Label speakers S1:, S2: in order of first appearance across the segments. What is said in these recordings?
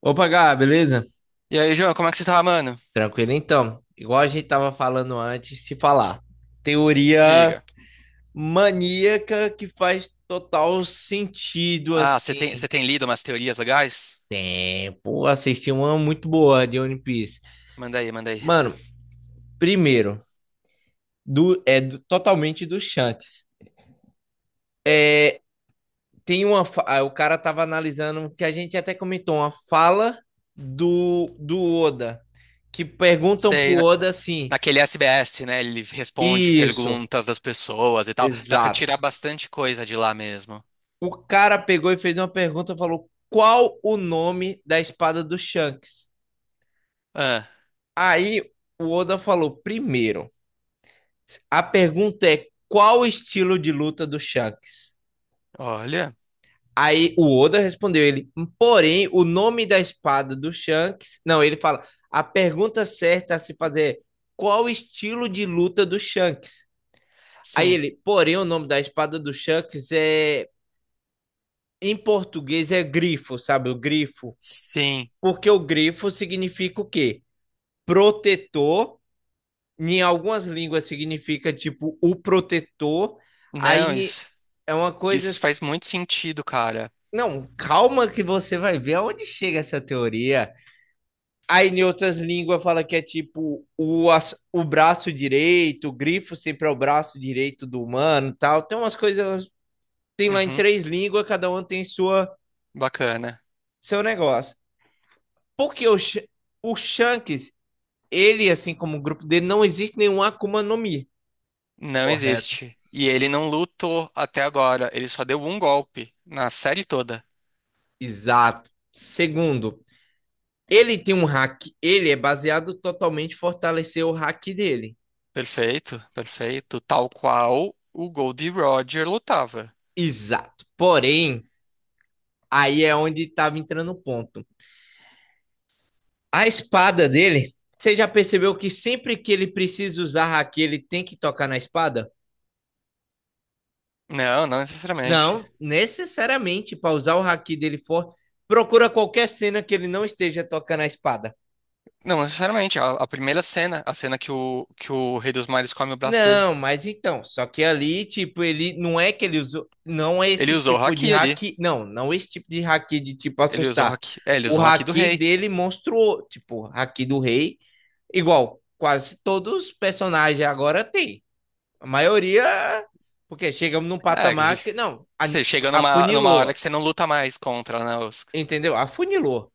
S1: Opa, Gá, beleza?
S2: E aí, João, como é que você tá, mano?
S1: Tranquilo então. Igual a gente tava falando antes, te falar. Teoria
S2: Diga.
S1: maníaca que faz total sentido,
S2: Ah, você tem,
S1: assim.
S2: você tem lido umas teorias legais?
S1: É, pô, assisti uma muito boa de One Piece.
S2: Manda aí, manda aí.
S1: Mano, primeiro, totalmente do Shanks. Tem uma. O cara tava analisando que a gente até comentou uma fala do Oda. Que perguntam pro
S2: Sei, na-
S1: Oda assim:
S2: Naquele SBS, né? Ele responde
S1: isso.
S2: perguntas das pessoas e tal. Dá pra
S1: Exato.
S2: tirar bastante coisa de lá mesmo.
S1: O cara pegou e fez uma pergunta, falou qual o nome da espada do Shanks.
S2: Ah,
S1: Aí o Oda falou: primeiro, a pergunta é qual o estilo de luta do Shanks?
S2: olha.
S1: Aí o Oda respondeu ele, porém, o nome da espada do Shanks. Não, ele fala: a pergunta certa a se fazer é qual o estilo de luta do Shanks? Aí
S2: Sim.
S1: ele, porém, o nome da espada do Shanks é. Em português é grifo, sabe? O grifo.
S2: Sim.
S1: Porque o grifo significa o quê? Protetor, em algumas línguas significa tipo o protetor,
S2: Não,
S1: aí
S2: isso,
S1: é uma coisa
S2: isso
S1: assim.
S2: faz muito sentido, cara.
S1: Não, calma que você vai ver aonde chega essa teoria. Aí em outras línguas fala que é tipo o braço direito, o grifo sempre é o braço direito do humano, e tal. Tem umas coisas, tem lá em
S2: Uhum,
S1: três línguas, cada um tem sua
S2: bacana.
S1: seu negócio. Porque o Shanks, ele assim como o grupo dele não existe nenhum Akuma no Mi.
S2: Não
S1: Correto.
S2: existe. E ele não lutou até agora. Ele só deu um golpe na série toda.
S1: Exato. Segundo, ele tem um hack, ele é baseado totalmente em fortalecer o hack dele.
S2: Perfeito, perfeito. Tal qual o Goldie Roger lutava.
S1: Exato. Porém, aí é onde estava entrando o ponto. A espada dele, você já percebeu que sempre que ele precisa usar hack, ele tem que tocar na espada?
S2: Não, não necessariamente.
S1: Não, necessariamente para usar o hack dele forte, procura qualquer cena que ele não esteja tocando a espada.
S2: Não necessariamente. A primeira cena, a cena que o Rei dos Mares come o braço dele.
S1: Não, mas então, só que ali, tipo, ele não é que ele usou, não é
S2: Ele
S1: esse
S2: usou o
S1: tipo de
S2: haki ali.
S1: haki, não esse tipo de haki de tipo
S2: Ele usou o
S1: assustar.
S2: haki. É, ele
S1: O
S2: usou o haki do
S1: haki
S2: rei.
S1: dele monstruou, tipo, haki do rei, igual quase todos os personagens agora tem. A maioria, porque chegamos num
S2: É, que
S1: patamar que não, a-
S2: você chega numa hora
S1: afunilou,
S2: que você não luta mais contra, né?
S1: entendeu? Afunilou.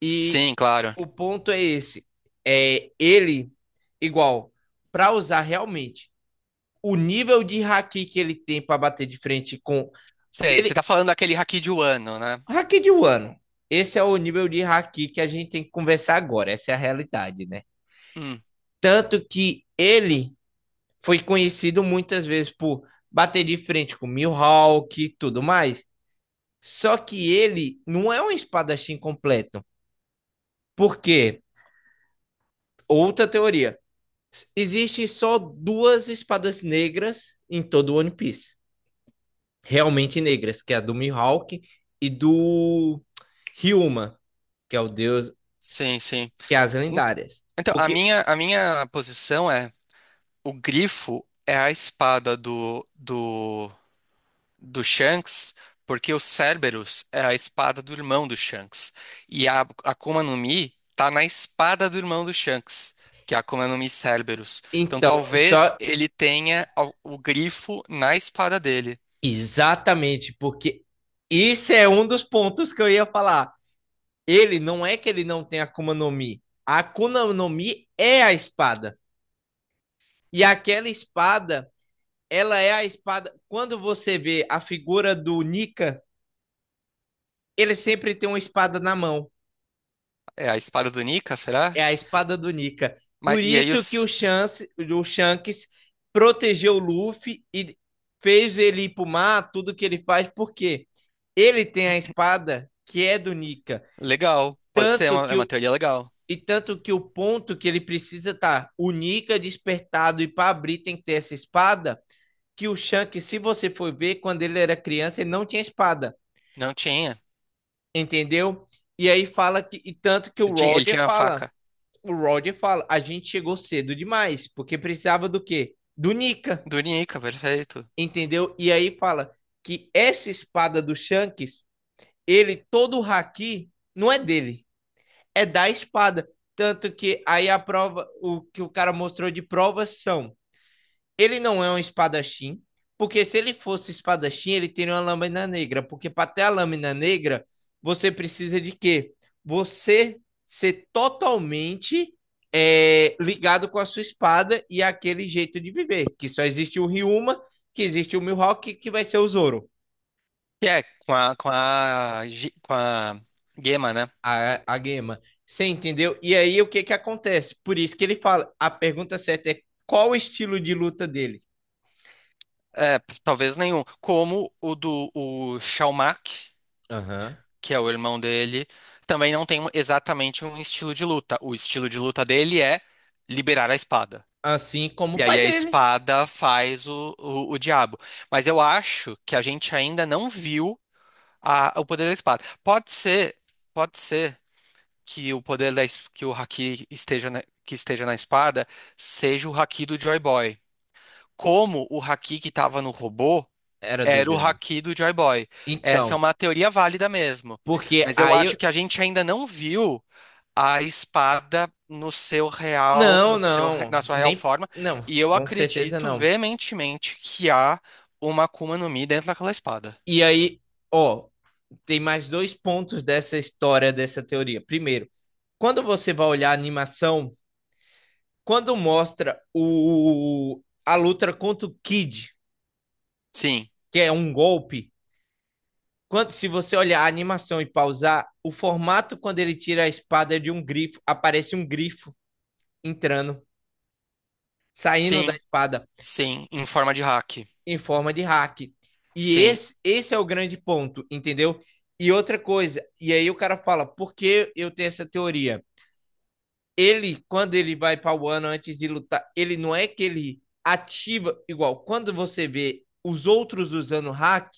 S1: E
S2: Sim, claro.
S1: o ponto é esse, é ele igual para usar realmente o nível de haki que ele tem para bater de frente com.
S2: Sei, você
S1: Ele...
S2: tá falando daquele haki de Wano, né?
S1: haki de Wano. Esse é o nível de haki que a gente tem que conversar agora. Essa é a realidade, né?
S2: Hum,
S1: Tanto que ele foi conhecido muitas vezes por bater de frente com Mihawk e tudo mais. Só que ele não é um espadachim completo. Porque, outra teoria, existem só duas espadas negras em todo o One Piece. Realmente negras, que é a do Mihawk e do Ryuma, que é o deus,
S2: sim, sim.
S1: que é as
S2: En-
S1: lendárias.
S2: Então,
S1: Porque,
S2: a minha posição é: o grifo é a espada do Shanks, porque o Cerberus é a espada do irmão do Shanks. E a Akuma no Mi tá na espada do irmão do Shanks, que é a Akuma no Mi Cerberus. Então
S1: então,
S2: talvez
S1: só
S2: ele tenha o grifo na espada dele.
S1: exatamente, porque isso é um dos pontos que eu ia falar. Ele não é que ele não tem Akuma no Mi. A Akuma no Mi é a espada. E aquela espada, ela é a espada. Quando você vê a figura do Nika, ele sempre tem uma espada na mão.
S2: É a espada do Nika, será?
S1: É a espada do Nika.
S2: Mas,
S1: Por
S2: e aí
S1: isso que o,
S2: os...
S1: Chance, o Shanks protegeu o Luffy e fez ele ir pro mar, tudo que ele faz, porque ele tem a espada que é do Nika.
S2: Legal, pode ser,
S1: Tanto
S2: é
S1: que
S2: uma
S1: o,
S2: teoria legal.
S1: e tanto que o ponto que ele precisa tá o Nika despertado e para abrir tem que ter essa espada, que o Shanks, se você for ver, quando ele era criança, ele não tinha espada,
S2: Não tinha.
S1: entendeu? E aí fala que e tanto que o
S2: Ele tinha ele
S1: Roger
S2: tinha a
S1: fala,
S2: faca
S1: o Roger fala, a gente chegou cedo demais, porque precisava do quê? Do Nika,
S2: do Nika, perfeito.
S1: entendeu? E aí fala que essa espada do Shanks, ele, todo o haki, não é dele, é da espada. Tanto que aí a prova, o que o cara mostrou de provas são ele não é um espadachim, porque se ele fosse espadachim, ele teria uma lâmina negra. Porque para ter a lâmina negra, você precisa de quê? Você ser totalmente é, ligado com a sua espada e aquele jeito de viver. Que só existe o Ryuma, que existe o Mihawk, que vai ser o Zoro,
S2: E é, com a Gema, né?
S1: a Gema. Você entendeu? E aí o que, que acontece? Por isso que ele fala: a pergunta certa é qual o estilo de luta dele?
S2: É, p- talvez nenhum. Como o do o Xiaomak,
S1: Aham. Uhum.
S2: que é o irmão dele, também não tem um- exatamente um estilo de luta. O estilo de luta dele é liberar a espada.
S1: Assim como
S2: E
S1: o
S2: aí
S1: pai
S2: a
S1: dele
S2: espada faz o diabo. Mas eu acho que a gente ainda não viu a, o poder da espada. Pode ser que o poder da, es- que o haki esteja na, que esteja na espada seja o haki do Joy Boy. Como o haki que estava no robô.
S1: era do
S2: Era o
S1: Joey.
S2: haki do Joy Boy. Essa é
S1: Então,
S2: uma teoria válida mesmo.
S1: porque
S2: Mas eu
S1: aí
S2: acho
S1: eu...
S2: que a gente ainda não viu a espada no seu real,
S1: Não,
S2: no seu, re-
S1: não,
S2: na sua real
S1: nem...
S2: forma.
S1: Não,
S2: E eu
S1: com certeza
S2: acredito
S1: não.
S2: veementemente que há uma Akuma no Mi dentro daquela espada.
S1: E aí, ó, tem mais dois pontos dessa história, dessa teoria. Primeiro, quando você vai olhar a animação, quando mostra o... a luta contra o Kid,
S2: Sim,
S1: que é um golpe, quando se você olhar a animação e pausar, o formato quando ele tira a espada é de um grifo, aparece um grifo entrando, saindo da
S2: sim,
S1: espada.
S2: sim, em forma de hack.
S1: Em forma de hack. E
S2: Sim,
S1: esse é o grande ponto, entendeu? E outra coisa, e aí o cara fala, por que eu tenho essa teoria? Ele, quando ele vai para o ano antes de lutar, ele não é que ele ativa igual. Quando você vê os outros usando hack,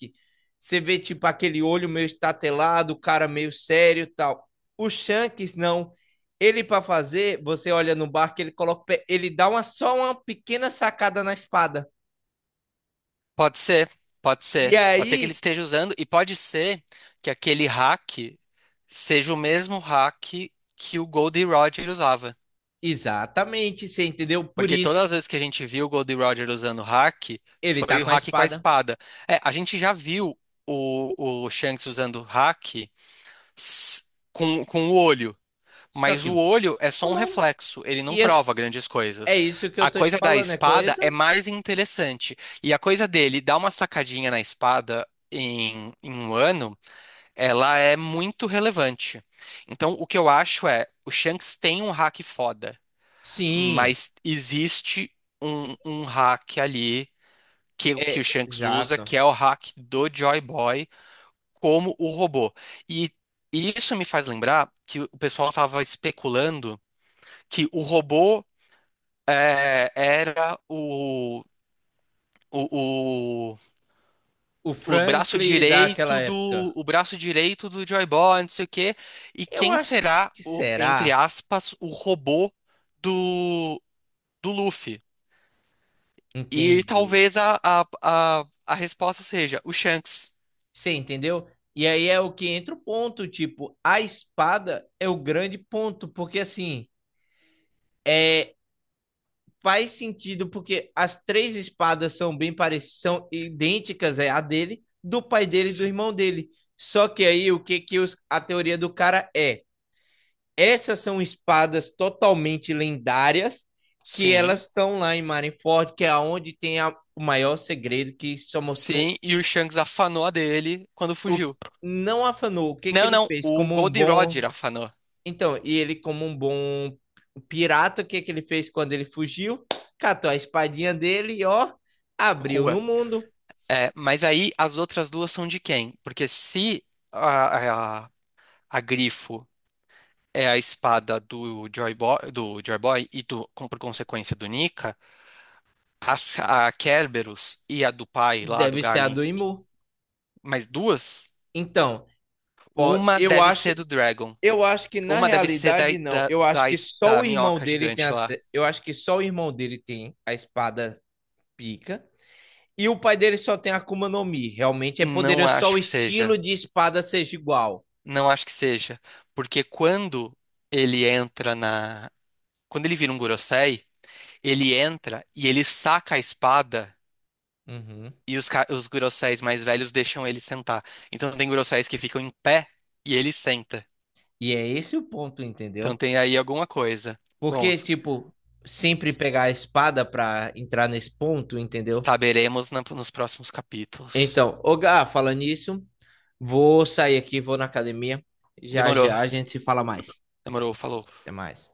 S1: você vê tipo aquele olho meio estatelado, o cara meio sério e tal. O Shanks não. Ele para fazer, você olha no barco, ele coloca, o pé, ele dá uma só uma pequena sacada na espada.
S2: pode ser, pode
S1: E
S2: ser. Pode ser que ele
S1: aí
S2: esteja usando, e pode ser que aquele hack seja o mesmo hack que o Goldie Roger usava.
S1: exatamente, você entendeu? Por
S2: Porque
S1: isso
S2: todas as vezes que a gente viu o Goldie Roger usando hack,
S1: ele tá
S2: foi o
S1: com a
S2: hack com a
S1: espada.
S2: espada. É, a gente já viu o Shanks usando hack s- com o olho.
S1: Só
S2: Mas o
S1: que
S2: olho é
S1: o
S2: só um
S1: nome.
S2: reflexo, ele não
S1: E é,
S2: prova grandes
S1: é
S2: coisas.
S1: isso que eu
S2: A
S1: tô te
S2: coisa da
S1: falando, é
S2: espada é
S1: coisa?
S2: mais interessante. E a coisa dele dar uma sacadinha na espada em, em um ano, ela é muito relevante. Então, o que eu acho é, o Shanks tem um hack foda,
S1: Sim,
S2: mas existe um hack ali que o
S1: é
S2: Shanks usa,
S1: exato.
S2: que é o hack do Joy Boy como o robô. E, e isso me faz lembrar que o pessoal estava especulando que o robô é, era o, o,
S1: O
S2: o braço
S1: Franklin daquela
S2: direito
S1: época.
S2: do o braço direito do Joy Boy, não sei o quê. E
S1: Eu
S2: quem
S1: acho
S2: será
S1: que
S2: o, entre
S1: será,
S2: aspas, o robô do, do Luffy? E
S1: entende?
S2: talvez a resposta seja o Shanks.
S1: Você entendeu? E aí é o que entra o ponto, tipo, a espada é o grande ponto, porque assim, é faz sentido porque as três espadas são bem parecidas, são idênticas é a dele, do pai dele e do
S2: S-
S1: irmão dele. Só que aí o que que os, a teoria do cara é? Essas são espadas totalmente lendárias que
S2: Sim,
S1: elas estão lá em Marineford, que é onde tem a, o maior segredo que só mostrou
S2: sim, e o Shanks afanou a dele quando
S1: o
S2: fugiu.
S1: não afanou o que que
S2: Não,
S1: ele
S2: não,
S1: fez
S2: o
S1: como um
S2: Gold
S1: bom.
S2: Roger afanou.
S1: Então, e ele, como um bom pirata, o que que ele fez quando ele fugiu? Catou a espadinha dele e, ó, abriu
S2: Rua.
S1: no mundo.
S2: É, mas aí as outras duas são de quem? Porque se a, a, a Grifo é a espada do Joy Boy e do, com- por consequência do Nika, as- a Kerberos e a do pai lá do
S1: Deve ser a
S2: Garlin,
S1: do Imu.
S2: mais duas,
S1: Então, pô,
S2: uma deve ser do Dragon.
S1: eu acho que na
S2: Uma deve ser da,
S1: realidade não.
S2: da,
S1: Eu acho
S2: da,
S1: que
S2: es-
S1: só
S2: da
S1: o irmão
S2: minhoca
S1: dele tem
S2: gigante
S1: a,
S2: lá.
S1: se- eu acho que só o irmão dele tem a espada pica. E o pai dele só tem a Akuma no Mi. Realmente é
S2: Não
S1: poderoso só
S2: acho
S1: o
S2: que
S1: estilo
S2: seja.
S1: de espada seja igual.
S2: Não acho que seja. Porque quando ele entra na. Quando ele vira um Gorosei, ele entra e ele saca a espada
S1: Uhum.
S2: e os, ca- os Goroseis mais velhos deixam ele sentar. Então tem Goroseis que ficam em pé e ele senta.
S1: E é esse o ponto,
S2: Então
S1: entendeu?
S2: tem aí alguma coisa. Bom,
S1: Porque, tipo, sempre pegar a espada pra entrar nesse ponto, entendeu?
S2: saberemos na- nos próximos capítulos.
S1: Então, ô Gá, falando nisso, vou sair aqui, vou na academia. Já
S2: Demorou,
S1: já a gente se fala mais.
S2: demorou, falou.
S1: Até mais.